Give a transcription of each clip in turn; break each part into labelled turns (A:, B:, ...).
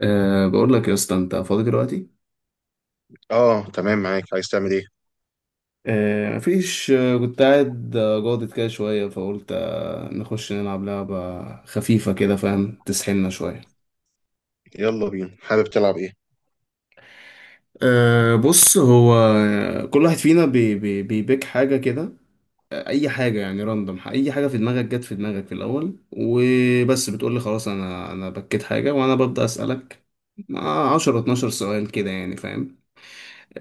A: بقول لك يا اسطى انت فاضي دلوقتي.
B: اه تمام، معاك. عايز تعمل ايه؟
A: مفيش. كنت قاعد، جاضد كده شويه، فقلت نخش نلعب لعبه خفيفه كده، فاهم، تسحلنا شويه.
B: يلا بينا، حابب تلعب ايه؟
A: بص، هو كل واحد فينا بي بي بيبيك حاجه كده. اي حاجه يعني، راندوم، اي حاجه في دماغك، جت في دماغك في الاول وبس، بتقول لي خلاص انا بكيت حاجه، وانا ببدا اسالك مع 10 12 سؤال كده يعني فاهم.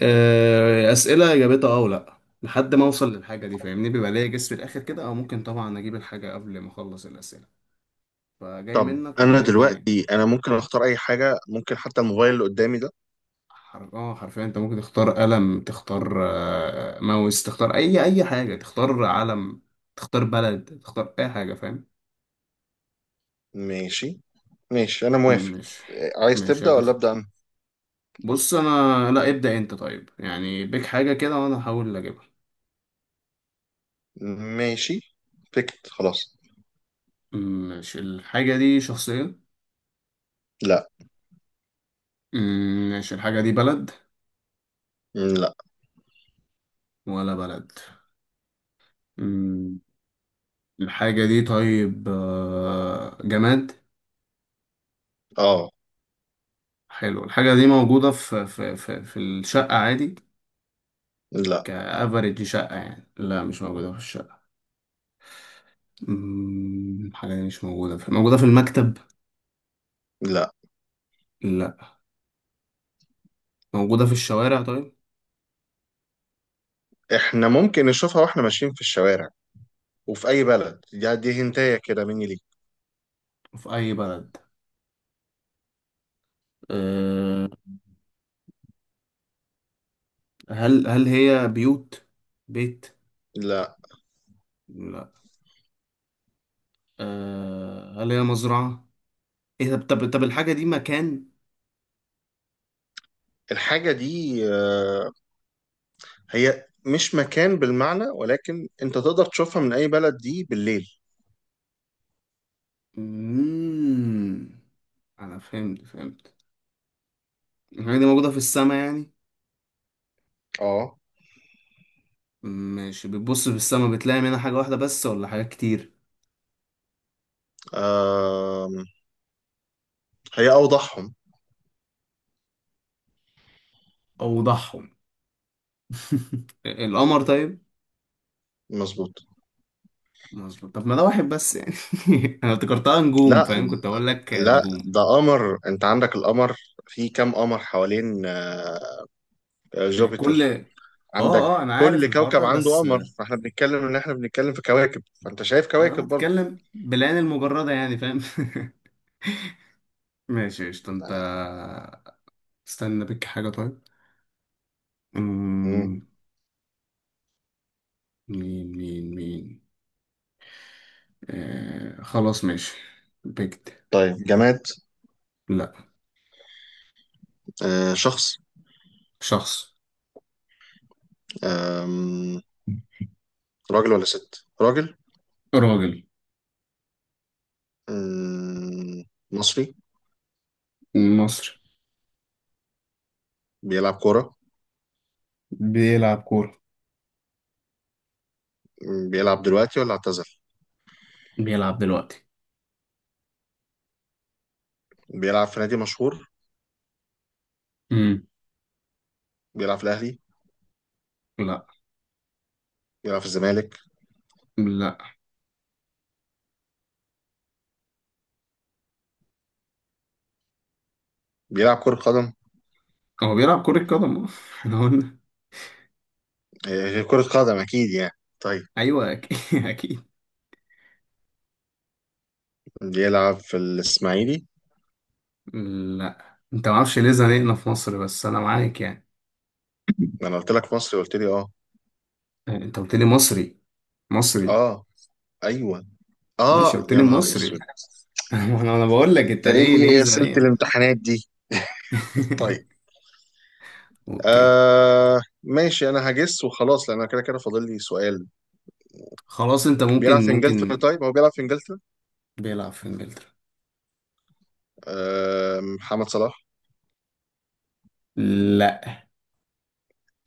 A: أسئلة إجابتها ولا، لحد ما أوصل للحاجة دي فاهمني، بيبقى ليا جس في الآخر كده، أو ممكن طبعا أجيب الحاجة قبل ما أخلص الأسئلة. فجاي
B: طب
A: منك ولا
B: انا
A: إيه الدنيا؟
B: دلوقتي انا ممكن اختار اي حاجة، ممكن حتى الموبايل اللي قدامي ده.
A: حر... أه حرفيا أنت ممكن تختار قلم، تختار، ماوس، تختار أي حاجة، تختار علم، تختار بلد، تختار أي حاجة فاهم؟
B: ماشي. ماشي انا موافق.
A: مش
B: عايز
A: مش
B: تبدأ ولا
A: هتختار.
B: أبدأ انا؟
A: بص أنا لا ابدأ أنت، طيب يعني بيك حاجة كده وأنا هحاول أجيبها.
B: ماشي. بكت خلاص.
A: مش الحاجة دي شخصية؟
B: لا.
A: مش الحاجة دي بلد؟
B: لا.
A: ولا بلد. مم. الحاجة دي طيب، جماد؟
B: اه.
A: حلو. الحاجة دي موجودة في الشقة عادي؟
B: لا.
A: كأفريج شقة يعني. لا، مش موجودة في الشقة. مم، الحاجة دي مش موجودة في موجودة في المكتب؟
B: لا.
A: لا. موجودة في الشوارع طيب.
B: احنا ممكن نشوفها واحنا ماشيين في الشوارع، وفي اي بلد. دي هنتايه كده مني ليك.
A: في أي بلد؟ أه. هل هي بيوت، بيت؟
B: لا.
A: لا. أه، هل هي مزرعة؟ إيه، طب الحاجة دي مكان؟
B: الحاجة دي هي مش مكان بالمعنى، ولكن انت تقدر تشوفها من اي بلد دي بالليل.
A: مم. أنا فهمت. الحاجة دي موجودة في السماء يعني.
B: اه.
A: ماشي، بتبص في السماء بتلاقي منها حاجة واحدة بس ولا حاجات كتير؟
B: آم، هي أوضحهم.
A: اوضحهم. القمر طيب.
B: مظبوط.
A: مظبوط. طب ما ده واحد بس يعني. انا افتكرتها نجوم،
B: لا.
A: فاهم، كنت اقول لك
B: لا،
A: نجوم.
B: ده قمر. أنت عندك القمر. في كام قمر حوالين
A: كل.
B: جوبيتر؟
A: اه
B: عندك
A: اه، انا عارف
B: كل
A: الحوار
B: كوكب
A: ده
B: عنده
A: بس
B: قمر، فاحنا بنتكلم إن احنا بنتكلم في كواكب، فأنت شايف
A: انا
B: كواكب برضه.
A: بتكلم بالعين المجردة يعني، فاهم؟ ماشي قشطة انت.
B: آه.
A: استنى، بك حاجة طيب.
B: مم.
A: أمم، مين مين. آه، خلاص ماشي. بكت.
B: طيب، جماد.
A: لا.
B: شخص.
A: شخص.
B: آم، راجل ولا ست؟ راجل.
A: راجل.
B: مم، مصري.
A: مصري.
B: بيلعب كورة.
A: بيلعب كورة.
B: مم، بيلعب دلوقتي ولا اعتزل؟
A: بيلعب دلوقتي.
B: بيلعب في نادي مشهور.
A: امم.
B: بيلعب في الأهلي؟
A: لا.
B: بيلعب في الزمالك؟
A: لا
B: بيلعب كرة قدم.
A: هو بيلعب كرة قدم. اه. احنا قلنا.
B: غير كرة قدم أكيد يعني. طيب.
A: ايوه اكيد. اكيد.
B: بيلعب في الإسماعيلي؟
A: لا انت، ما اعرفش ليه زنقنا في مصر، بس انا معاك يعني.
B: أنا قلت لك مصري، قلت لي أه.
A: انت قلت لي مصري. مصري.
B: أه. أيوه.
A: ماشي،
B: أه
A: قلت
B: يا
A: لي
B: نهار أسود.
A: مصري. أنا بقول لك
B: أنت
A: انت ليه
B: إيه أسئلة
A: زنقنا.
B: الامتحانات دي؟ طيب.
A: اوكي.
B: ماشي، أنا هجس وخلاص، لأن أنا كده كده فاضل لي سؤال.
A: خلاص، انت
B: بيلعب
A: ممكن
B: في إنجلترا؟
A: ممكن
B: طيب، هو بيلعب في إنجلترا.
A: بيلعب في انجلترا.
B: محمد صلاح.
A: لا.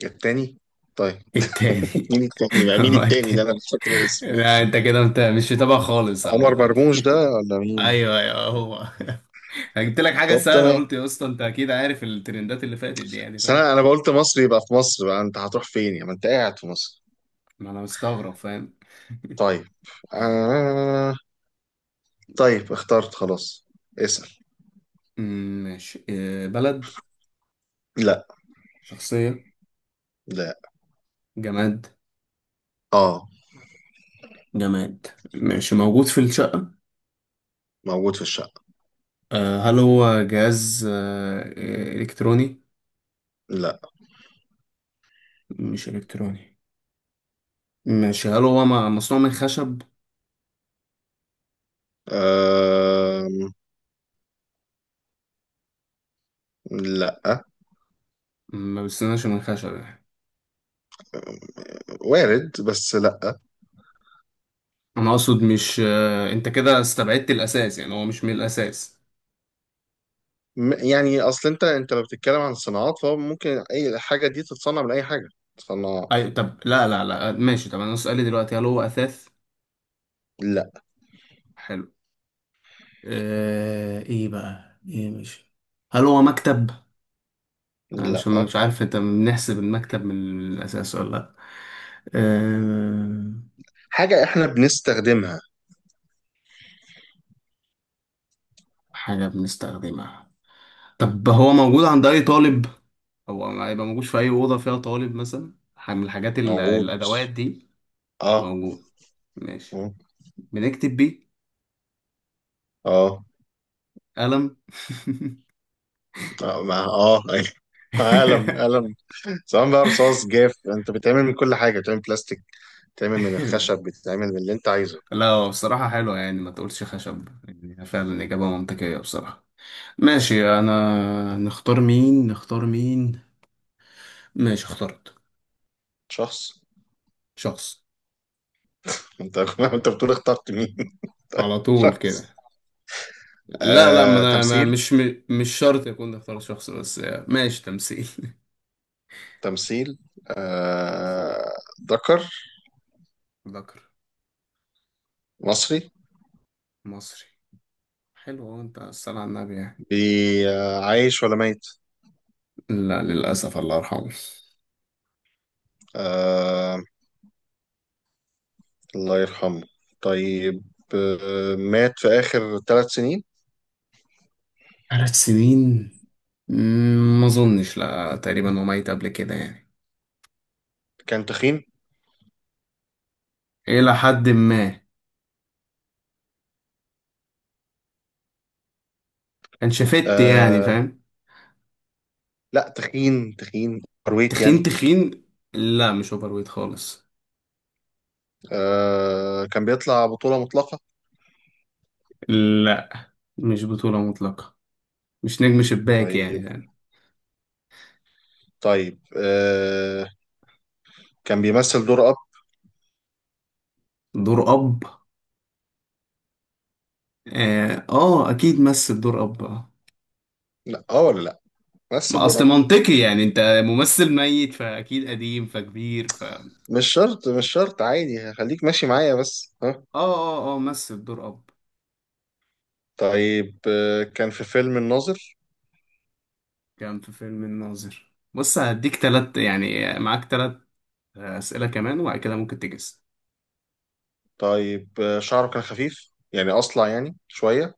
B: التاني؟ طيب.
A: التاني.
B: مين التاني بقى، مين
A: هو
B: التاني ده؟
A: التاني.
B: أنا مش فاكر اسمه.
A: لا انت كده، انت مش متابع خالص
B: عمر
A: عامة.
B: مرموش ده ولا مين؟
A: ايوه ايوه هو. أنا جبت لك حاجه
B: طب
A: سهله،
B: تمام.
A: قلت يا اسطى انت اكيد عارف الترندات اللي فاتت دي يعني،
B: بس
A: فاهم.
B: انا قلت مصر، يبقى في مصر بقى، انت هتروح فين يعني؟ ما انت قاعد في مصر.
A: ما انا مستغرب فاهم.
B: طيب. آه... طيب اخترت خلاص. اسأل.
A: ماشي. بلد؟
B: لا.
A: شخصيه؟
B: لا.
A: جماد.
B: اه.
A: جماد ماشي، موجود في الشقه.
B: موجود في الشقة.
A: هل هو جهاز الكتروني؟
B: لا.
A: مش الكتروني. ماشي، هل هو مصنوع من خشب؟
B: آه... لا.
A: ما بستناش من خشب يعني.
B: وارد بس لا.
A: انا اقصد، مش، انت كده استبعدت الاساس يعني، هو مش من الاساس.
B: يعني اصل انت لو بتتكلم عن صناعات، فهو ممكن اي حاجة دي تتصنع من اي حاجة. صناعة.
A: اي طب، لا ماشي. طب انا سؤالي دلوقتي، هل هو اثاث؟
B: لا.
A: حلو. آه، ايه بقى ايه مش هل هو مكتب؟ انا مش
B: لا.
A: مش عارف انت بنحسب المكتب من الاساس ولا لا. آه،
B: حاجة احنا بنستخدمها.
A: حاجه بنستخدمها. طب هو موجود عند اي طالب، او هيبقى موجود في اي اوضه فيها طالب مثلا، حاجة من الحاجات
B: موجود.
A: الادوات دي؟
B: اه.
A: موجود. ماشي.
B: اه.
A: بنكتب بيه.
B: اه.
A: قلم.
B: اه أيوة. قلم قلم. سواء بقى رصاص جاف، انت بتعمل من كل حاجه، بتعمل بلاستيك، بتعمل من الخشب، بتعمل من اللي انت عايزه.
A: لا هو بصراحة حلوة يعني، ما تقولش خشب يعني، فعلا إجابة منطقية بصراحة. ماشي، انا نختار مين، نختار مين. ماشي، اخترت.
B: شخص.
A: شخص.
B: انت انت بتقول اخترت مين؟
A: على طول
B: شخص.
A: كده. لا ما انا، ما
B: تمثيل.
A: مش مش شرط يكون اختار شخص بس. ماشي، تمثيل.
B: تمثيل.
A: تمثيل.
B: آه، ذكر.
A: ذكر.
B: مصري.
A: مصري. حلو، هو انت الصلاة على النبي يعني.
B: عايش ولا ميت؟
A: لا للأسف الله يرحمه.
B: آه، الله يرحمه. طيب. مات في آخر 3 سنين.
A: 3 سنين؟ مم، ما اظنش، لا تقريبا هو ميت قبل كده يعني.
B: كان تخين.
A: الى حد ما. كان شفت يعني
B: آه،
A: فاهم.
B: لا، تخين تخين. أرويت
A: تخين
B: يعني.
A: تخين. لا مش اوبر ويت خالص.
B: كان بيطلع بطولة مطلقة.
A: لا مش بطولة مطلقة. مش نجم شباك يعني
B: طيب.
A: يعني.
B: طيب كان بيمثل دور اب.
A: دور أب. أكيد مثل دور أب آه.
B: لا. اه. ولا لا. مثل
A: ما
B: دور
A: أصل
B: اب.
A: منطقي يعني، أنت ممثل ميت فأكيد قديم فكبير ف.
B: مش شرط، مش شرط عادي، خليك ماشي معايا بس ها.
A: مثل دور أب.
B: طيب كان في فيلم الناظر.
A: كان في فيلم الناظر. بص هديك تلات يعني، معاك تلات أسئلة كمان، وبعد كده ممكن تجس.
B: طيب شعره كان خفيف، يعني اصلع يعني شوية.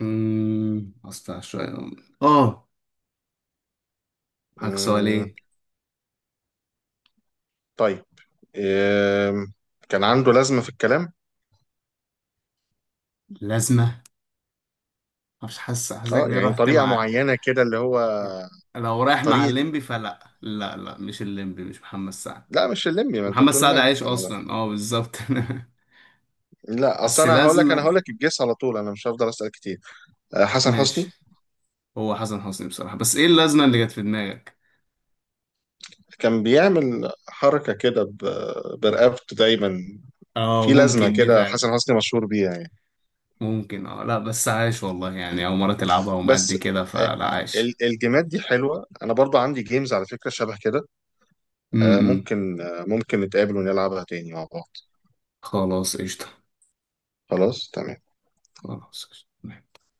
A: أمم، أصل شوية. آه، معاك
B: مم.
A: سؤالين.
B: طيب آه كان عنده لازمة في الكلام.
A: لازمة؟ مش حاسس، حاسسك
B: اه،
A: ليه
B: يعني
A: رحت
B: طريقة
A: مع.
B: معينة كده اللي هو.
A: لو رايح مع
B: طريقة.
A: الليمبي فلا لا لا. مش الليمبي، مش محمد سعد.
B: لا مش اللمبي، ما انت
A: محمد
B: بتقول
A: سعد
B: مات
A: عايش
B: أنا.
A: اصلا، اه بالظبط.
B: لا، اصل
A: بس
B: انا هقول لك
A: لازمة.
B: الجيس على طول، انا مش هفضل اسال كتير. حسن
A: ماشي.
B: حسني.
A: هو حسن حسني بصراحة، بس ايه اللازمة اللي جت في دماغك؟
B: كان بيعمل حركة كده برقبته دايما.
A: اه
B: في لازمة
A: ممكن دي
B: كده
A: فعلا.
B: حسن حسني مشهور بيها يعني.
A: ممكن اه، لا بس عايش والله يعني، او مرة تلعبها
B: بس.
A: ومأدي كده،
B: آه،
A: فلا عايش.
B: الجيمات دي حلوة، أنا برضو عندي جيمز على فكرة شبه كده.
A: امم.
B: ممكن نتقابل ونلعبها تاني مع بعض.
A: خلاص قشطة.
B: خلاص تمام.
A: خلاص قشطة.